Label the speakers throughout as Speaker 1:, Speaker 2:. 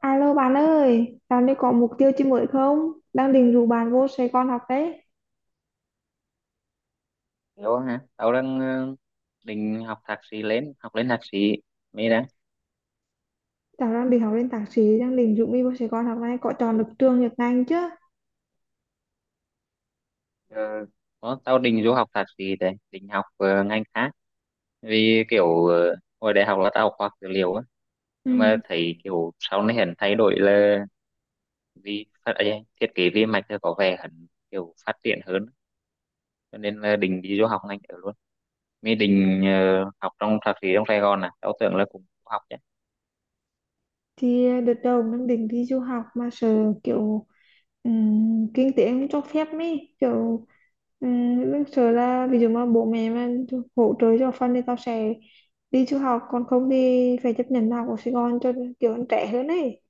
Speaker 1: Alo bạn ơi, dạo này có mục tiêu chi mới không? Đang định rủ bạn vô Sài Gòn học đấy.
Speaker 2: Hiểu hả? Tao đang định học thạc sĩ lên, học lên thạc sĩ. Mới đã.
Speaker 1: Cháu đang định học lên thạc sĩ, đang định rủ mi vô Sài Gòn học này, có chọn được trường nhật ngành chứ?
Speaker 2: Ờ, có, tao định du học thạc sĩ đấy, định học ngành khác. Vì kiểu hồi đại học là tao học khoa học dữ liệu á. Nhưng mà
Speaker 1: Ừ,
Speaker 2: thấy kiểu sau này hẳn thay đổi là vì thiết kế vi mạch thì có vẻ hẳn kiểu phát triển hơn. Cho nên là định đi du học ngành ở luôn. Mới định học trong thạc sĩ trong Sài Gòn à. Tao tưởng là cũng học chứ.
Speaker 1: thì đợt đầu đang định đi du học mà sợ kiểu kinh tế không cho phép mi kiểu đang sợ là ví dụ mà bố mẹ mà hỗ trợ cho phần thì tao sẽ đi du học, còn không thì phải chấp nhận học ở Sài Gòn cho kiểu anh trẻ hơn ấy.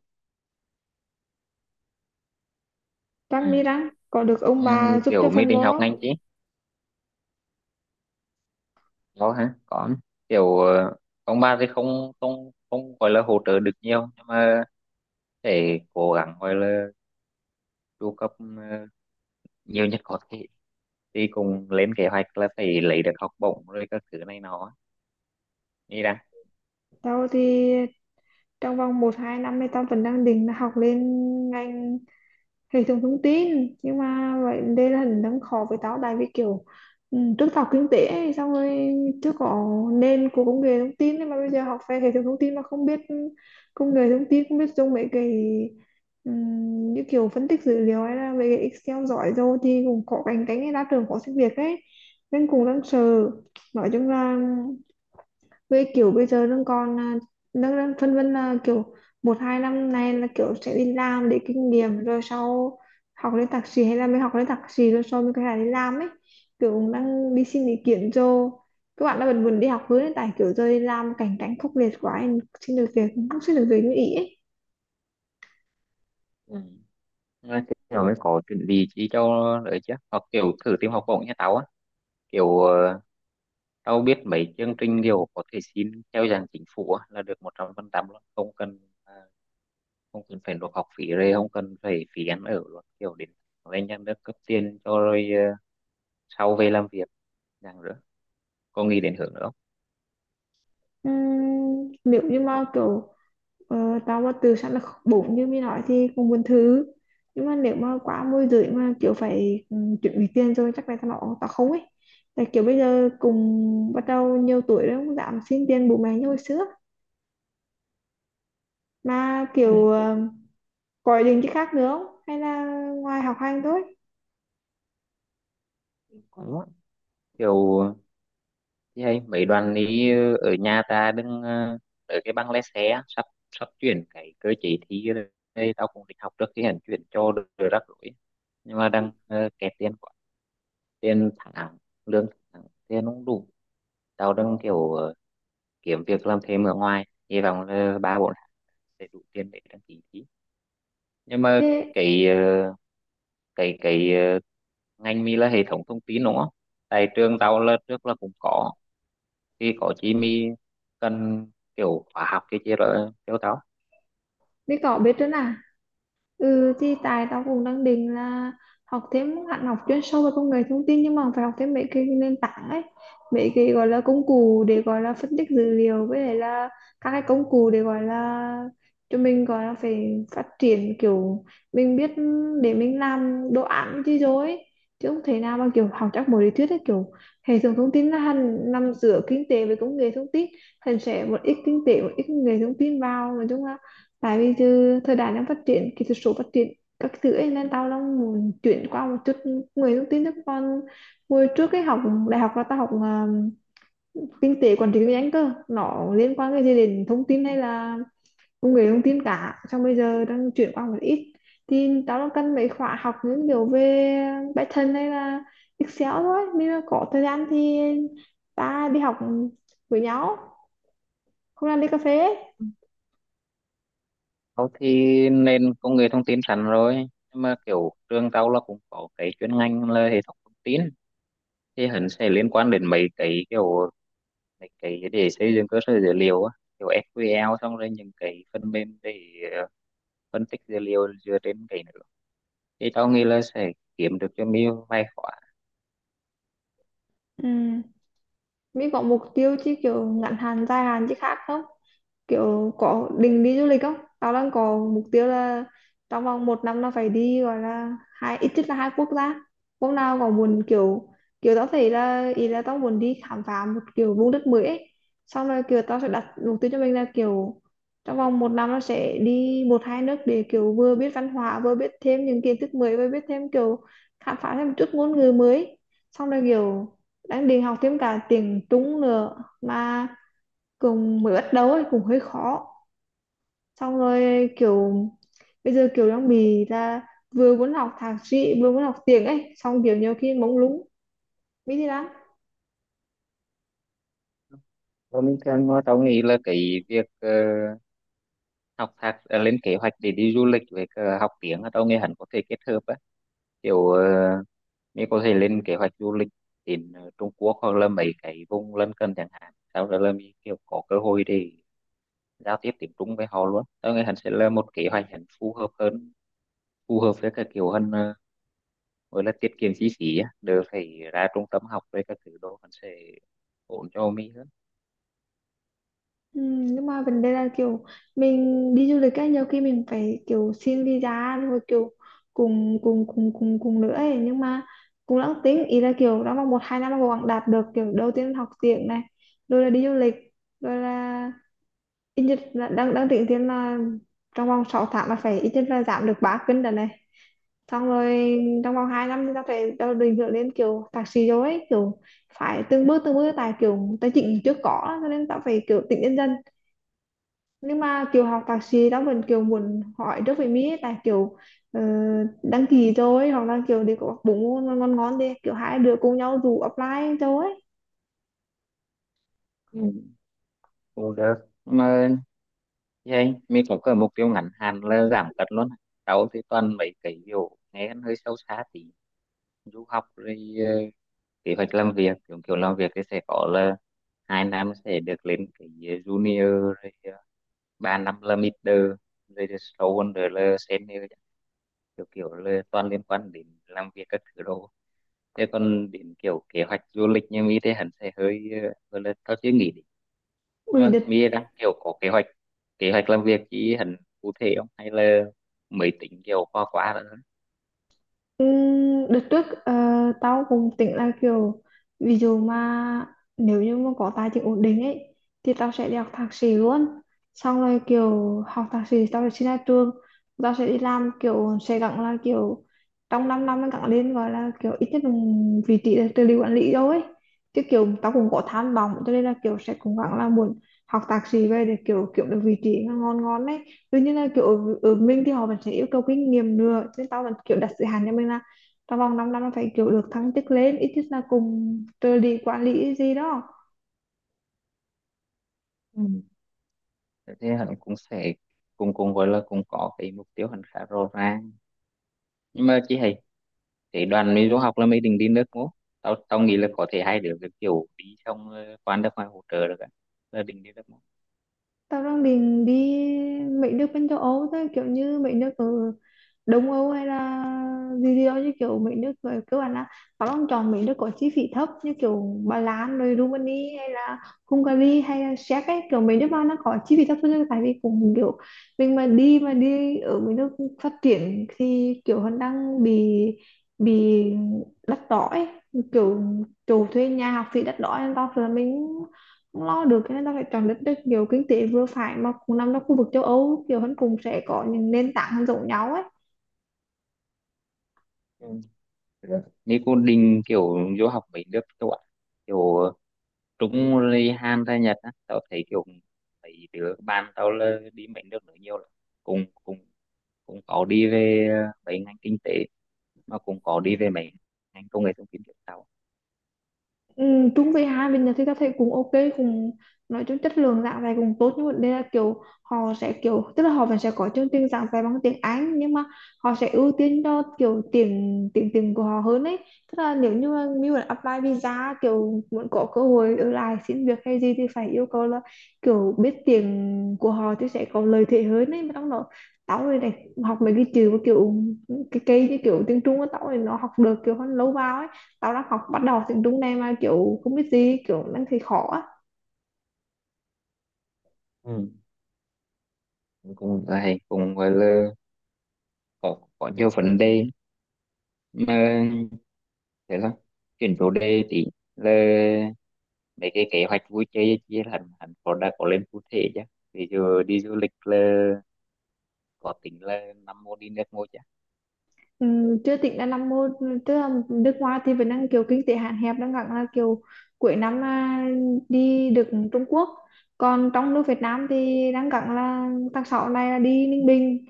Speaker 1: Răng
Speaker 2: Ừ.
Speaker 1: mi răng, có được
Speaker 2: Ừ,
Speaker 1: ông bà giúp cho
Speaker 2: kiểu mới
Speaker 1: phần
Speaker 2: định học
Speaker 1: bố?
Speaker 2: ngành chứ. Có hả? Có. Kiểu ông bà thì không không không gọi là hỗ trợ được nhiều, nhưng mà phải cố gắng gọi là chu cấp nhiều nhất có thể, thì cùng lên kế hoạch là phải lấy được học bổng rồi các thứ này nó đi đã.
Speaker 1: Tao thì trong vòng một hai năm thì tao vẫn đang định là học lên ngành hệ thống thông tin, nhưng mà vậy đây là hình đang khó với tao, tại vì kiểu ừ, trước tao học kinh tế ấy, xong rồi trước có nền của công nghệ thông tin, nhưng mà bây giờ học về hệ thống thông tin mà không biết công nghệ thông tin, không biết dùng mấy cái như kiểu phân tích dữ liệu hay là mấy cái Excel giỏi rồi thì cũng có cạnh cánh ra trường khó xin việc ấy, nên cũng đang sợ, nói chung là với kiểu bây giờ đang còn đang đang phân vân là kiểu một hai năm nay là kiểu sẽ đi làm để kinh nghiệm rồi sau học lên thạc sĩ, hay là mới học lên thạc sĩ rồi sau mới có thể đi làm ấy, kiểu cũng đang đi xin ý kiến cho các bạn đã vẫn buồn đi học hướng hiện tại, kiểu giờ đi làm cảnh cảnh khốc liệt quá, em xin được việc cũng không xin được việc như ý ấy.
Speaker 2: Ừ. Mà kiểu mới có chuẩn bị chi cho đỡ chứ, hoặc kiểu thử tìm học bổng nha tao á, kiểu tao biết mấy chương trình kiểu có thể xin theo dạng chính phủ á, là được 100% luôn, không cần phải nộp học phí, rồi không cần phải phí ăn ở luôn, kiểu đến lên nhà nước cấp tiền cho, rồi sau về làm việc dạng nữa. Có nghĩ đến hướng nữa không?
Speaker 1: Ừm, nếu như mà kiểu tao mà từ sẵn là bụng như mình nói thì cũng muốn thử, nhưng mà nếu mà quá môi rưỡi mà kiểu phải chuẩn bị tiền rồi chắc là tao bảo tao không ấy, tại kiểu bây giờ cùng bắt đầu nhiều tuổi rồi, không dám xin tiền bố mẹ như hồi xưa, mà
Speaker 2: Ừ.
Speaker 1: kiểu có ý định chứ khác nữa không hay là ngoài học hành thôi.
Speaker 2: Đúng á. Kiểu thì hay mấy đoàn đi ở nhà ta đứng ở cái băng lái xe á, sắp sắp chuyển cái cơ chế thi rồi, đây tao cũng định học trước khi hành chuyển cho được, rồi rắc rối. Nhưng mà đang kẹt tiền quá, tiền tháng, lương tháng, tiền không đủ. Tao đang kiểu kiếm việc làm thêm ở ngoài, hy vọng là 3 4 tháng sẽ đủ tiền để đăng ký thi. Nhưng mà
Speaker 1: Ê,
Speaker 2: cái ờ, cái ngành mi là hệ thống thông tin đúng không? Tại trường tao là trước là cũng có, thì có chi mi cần kiểu khóa học cái chi rồi kêu tao.
Speaker 1: đi cỏ biết nữa nè. Ừ thì tại tao cũng đang định là học thêm hẳn, học chuyên sâu về công nghệ thông tin, nhưng mà phải học thêm mấy cái nền tảng ấy, mấy cái gọi là công cụ để gọi là phân tích dữ liệu với lại là các cái công cụ để gọi là cho mình gọi là phải phát triển kiểu mình biết để mình làm đồ án chứ rồi ấy. Chứ không thể nào mà kiểu học chắc một lý thuyết ấy, kiểu hệ thống thông tin là hẳn nằm giữa kinh tế với công nghệ thông tin, thành sẽ một ít kinh tế một ít công nghệ thông tin vào, nói chung là tại vì giờ thời đại đang phát triển, kỹ thuật số phát triển các thứ ấy, nên tao đang muốn chuyển qua một chút người thông tin, chứ còn hồi trước cái học đại học là tao học kinh tế quản trị kinh doanh cơ, nó liên quan cái gì đến thông tin hay là công nghệ thông tin cả, xong bây giờ đang chuyển qua một ít, thì tao đang cần mấy khóa học những điều về Python hay là Excel thôi, nếu mà có thời gian thì ta đi học với nhau, không làm đi cà phê ấy.
Speaker 2: Tao thì nên công nghệ thông tin sẵn rồi, nhưng mà kiểu trường tao là cũng có cái chuyên ngành là hệ thống thông tin, thì hẳn sẽ liên quan đến mấy cái kiểu mấy cái để xây dựng cơ sở dữ liệu á, kiểu SQL, xong rồi những cái phần mềm để ờ, phân tích dữ liệu dựa trên cái nữa. Thì tao nghĩ là sẽ kiếm được cho mình vài khóa.
Speaker 1: Ừ. Mỹ có mục tiêu chứ kiểu ngắn hạn dài hạn chứ khác không? Kiểu có định đi du lịch không, tao đang có mục tiêu là trong vòng một năm nó phải đi gọi là hai, ít nhất là hai quốc gia, hôm nào còn muốn kiểu kiểu tao thấy là ý là tao muốn đi khám phá một kiểu vùng đất mới ấy. Xong rồi kiểu tao sẽ đặt mục tiêu cho mình là kiểu trong vòng một năm nó sẽ đi một hai nước, để kiểu vừa biết văn hóa vừa biết thêm những kiến thức mới, vừa biết thêm kiểu khám phá thêm một chút ngôn ngữ mới, xong rồi kiểu đang định học thêm cả tiếng Trung nữa, mà cùng mới bắt đầu ấy cũng hơi khó, xong rồi kiểu bây giờ kiểu đang bị là vừa muốn học thạc sĩ vừa muốn học tiếng ấy, xong kiểu nhiều khi mông lung biết gì lắm.
Speaker 2: Và mình thường mà tao nghĩ là cái việc lên kế hoạch để đi du lịch với cả học tiếng á, tao nghĩ hẳn có thể kết hợp á. Kiểu mình có thể lên kế hoạch du lịch đến Trung Quốc hoặc là mấy cái vùng lân cận chẳng hạn, sau đó là mình kiểu có cơ hội để giao tiếp tiếng Trung với họ luôn. Tao nghĩ hẳn sẽ là một kế hoạch hẳn phù hợp hơn, phù hợp với cả kiểu hơn, gọi là tiết kiệm chi phí á, đỡ phải ra trung tâm học với các thứ đồ, hẳn sẽ ổn cho mình hơn.
Speaker 1: Ừ, nhưng mà vấn đề là kiểu mình đi du lịch ấy, nhiều khi mình phải kiểu xin visa rồi kiểu cùng cùng cùng cùng cùng nữa ấy, nhưng mà cũng đang tính ý là kiểu đã mong một hai năm mà cố gắng đạt được kiểu đầu tiên là học tiếng này, rồi là đi du lịch, rồi là ít nhất là đang đang tính tiền là trong vòng 6 tháng là phải ít nhất là giảm được 3 cân đợt này, xong rồi trong vòng 2 năm thì ta phải đâu định hướng đến kiểu thạc sĩ rồi ấy, kiểu phải từng bước từng bước, tại kiểu tài chính trước có cho nên ta phải kiểu tính nhân dân, nhưng mà kiểu học thạc sĩ ta vẫn kiểu muốn hỏi trước về Mỹ ấy, tại kiểu ờ, đăng ký rồi, hoặc là kiểu đi có bốn môn ngon ngon ngon đi, kiểu hai đứa cùng nhau dù apply rồi ấy.
Speaker 2: Ừ, cũng được. Mà vậy mình có cái mục tiêu ngắn hạn là giảm cân luôn. Sáu thì toàn mấy cái kiểu nghe ăn hơi sâu xa tí. Du học rồi ờ, kế hoạch làm việc, kiểu kiểu làm việc thì sẽ có là 2 năm sẽ được lên cái junior, rồi 3 năm là middle, rồi thì sâu hơn rồi là senior. Kiểu kiểu là toàn liên quan đến làm việc các thứ đồ. Thế còn đến kiểu kế hoạch du lịch như mỹ thế hẳn sẽ hơi gọi là tao chưa nghĩ. Nhưng
Speaker 1: Ui,
Speaker 2: mà
Speaker 1: đợt.
Speaker 2: Mia đang kiểu có kế hoạch làm việc chỉ hẳn cụ thể không, hay là mới tính kiểu qua qua nữa?
Speaker 1: Ừ, đợt trước tao cũng tính là kiểu ví dụ mà nếu như mà có tài chính ổn định ấy thì tao sẽ đi học thạc sĩ luôn, xong rồi kiểu học thạc sĩ tao sẽ xin ra trường, tao sẽ đi làm, kiểu sẽ gắng là kiểu trong 5 năm năm mới gắng lên gọi là kiểu ít nhất là vị trí là trợ lý quản lý đâu ấy, chứ kiểu tao cũng có tham vọng cho nên là kiểu sẽ cố gắng là muốn học thạc sĩ về để kiểu kiểu được vị trí ngon ngon đấy. Tuy nhiên là kiểu ở mình thì họ vẫn sẽ yêu cầu kinh nghiệm nữa, nên tao vẫn kiểu đặt giới hạn cho mình là trong vòng 5 năm nó phải kiểu được thăng chức lên ít nhất là cùng trợ lý quản lý gì đó.
Speaker 2: Ừ. Thế hẳn cũng sẽ cùng cùng gọi là cũng có cái mục tiêu hẳn khá rõ ràng, nhưng mà chị hay cái đoàn mình du học là mình định đi nước ngố. Tao tao nghĩ là có thể hai đứa cái kiểu đi xong qua nước ngoài hỗ trợ được ạ, là định đi nước ngố.
Speaker 1: Tao đang định đi mấy nước bên châu Âu thôi, kiểu như mấy nước ở Đông Âu hay là gì gì đó, như kiểu mấy nước ở cơ bản là tao đang chọn mấy nước có chi phí thấp như kiểu Ba Lan rồi Rumani hay là Hungary hay là Séc ấy, kiểu mấy nước mà nó có chi phí thấp hơn, tại vì cũng kiểu mình mà đi ở mấy nước phát triển thì kiểu hắn đang bị đắt đỏ ấy, kiểu chủ thuê nhà học phí đắt đỏ, nên tao sợ là mình không lo được, cho nên ta phải chọn đất nước kiểu kinh tế vừa phải mà cũng nằm trong khu vực châu Âu, kiểu hắn cùng sẽ có những nền tảng giống nhau ấy.
Speaker 2: Ừ. Nếu cô định kiểu du học mấy nước châu Á, kiểu trúng ly han ra Nhật á, tao thấy kiểu mấy đứa bạn tao là đi mấy nước nữa nhiều lắm, cùng cùng cũng có đi về mấy ngành kinh tế, mà cũng có đi về mấy ngành công nghệ thông tin kiểu tao.
Speaker 1: Ừ, chung với hai bên Nhật thì ta thấy cũng ok, cũng nói chung chất lượng giảng dạy cũng tốt, nhưng mà đây là kiểu họ sẽ kiểu tức là họ vẫn sẽ có chương trình giảng dạy bằng tiếng Anh, nhưng mà họ sẽ ưu tiên cho kiểu tiếng tiếng tiếng của họ hơn ấy, tức là nếu như mà mình muốn apply visa, kiểu muốn có cơ hội ở lại xin việc hay gì thì phải yêu cầu là kiểu biết tiếng của họ thì sẽ có lợi thế hơn ấy, mà trong đó tao này này, học mấy cái chữ mà kiểu cái cây như kiểu tiếng Trung á, tao này nó học được kiểu hơn lâu vào ấy, sau đó học bắt đầu tiếng Trung này mà kiểu không biết gì, kiểu đang thấy khó á.
Speaker 2: Ừ. Cũng hay, cũng gọi là có nhiều vấn đề, mà thế là chuyển chủ đề tí, là mấy cái kế hoạch vui chơi chia hẳn hẳn có đã có lên cụ thể chứ? Ví dụ đi du lịch là có tính là năm mô đi nước mô chứ?
Speaker 1: Ừ, chưa tính là năm mô, tức là nước ngoài thì vẫn đang kiểu kinh tế hạn hẹp, đang gắng là kiểu cuối năm đi được Trung Quốc, còn trong nước Việt Nam thì đang gắng là tháng 6 này là đi Ninh Bình,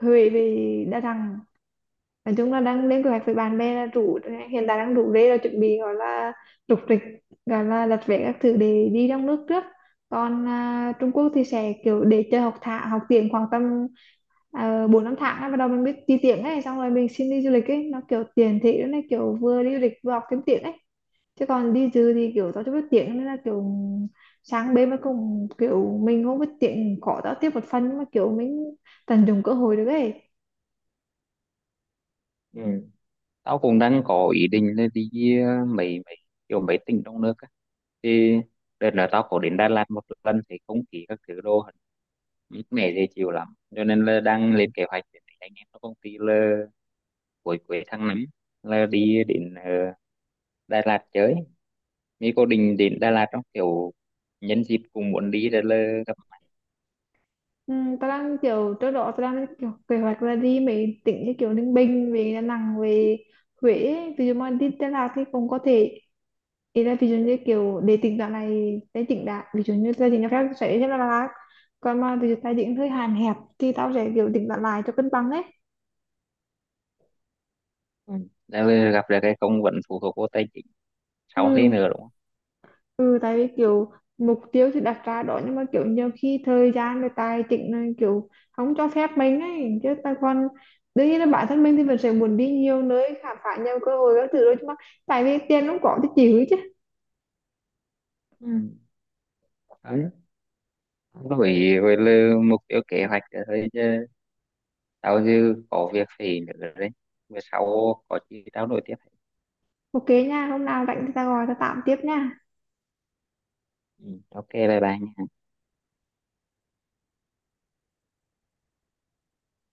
Speaker 1: Huế, về Đà Nẵng, nói chung là đang lên kế hoạch với bạn bè là rủ, hiện tại đang rủ rê là chuẩn bị gọi là rục rịch, gọi là đặt vé các thứ để đi trong nước trước, còn Trung Quốc thì sẽ kiểu để chơi học thạ học tiếng khoảng tầm 4 5 tháng ấy, bắt đầu mình biết đi tiếng ấy, xong rồi mình xin đi du lịch ấy, nó kiểu tiền thị nó kiểu vừa đi du lịch vừa học thêm tiếng ấy, chứ còn đi dư thì kiểu tao chưa biết tiếng nên là kiểu sáng bên mà cùng kiểu mình không biết tiếng khó tao tiếp một phần, nhưng mà kiểu mình tận dụng cơ hội được ấy.
Speaker 2: Ừ. Tao cũng đang có ý định là đi mấy mấy kiểu mấy tỉnh trong nước á. Thì đợt là tao có đến Đà Lạt một lần thì không khí các thứ đồ mát mẻ dễ chịu lắm. Cho nên là đang lên kế hoạch để anh em trong công ty là cuối cuối tháng 5 là đi đến Đà Lạt chơi. Mỹ có định đến Đà Lạt trong kiểu nhân dịp cùng muốn đi rồi là gặp mặt.
Speaker 1: Ừ, tao đang kiểu trước đó tao đang kiểu kế hoạch là đi mấy tỉnh như kiểu Ninh Bình, về Đà Nẵng, về Huế ấy. Ví dụ mà đi Đà Lạt thì cũng có thể ý là ví dụ như kiểu để tỉnh đoạn này để tỉnh đã, ví dụ như gia đình cho phép sẽ đi Đà Lạt, còn mà ví dụ tài chính hơi hạn hẹp thì tao sẽ kiểu tỉnh đoạn lại cho cân bằng đấy.
Speaker 2: Ừ. Rồi là gặp được cái công vẫn phụ thuộc vô tài chính sau thế
Speaker 1: Ừ,
Speaker 2: nữa đúng không?
Speaker 1: ừ, tại vì kiểu mục tiêu thì đặt ra đó, nhưng mà kiểu nhiều khi thời gian và tài chính là kiểu không cho phép mình ấy chứ ta, còn đương nhiên là bản thân mình thì mình sẽ muốn đi nhiều nơi khám phá nhiều cơ hội các thứ đó, nhưng mà tại vì tiền không có thì chịu chứ.
Speaker 2: Ừ. Đấy. Với là mục tiêu kế hoạch là rồi, tao dư có việc phải nữa đấy, bữa sau có gì tao nói tiếp.
Speaker 1: Ok nha, hôm nào rảnh thì ta gọi ta tạm tiếp nha.
Speaker 2: Ừ, ok bye bye nha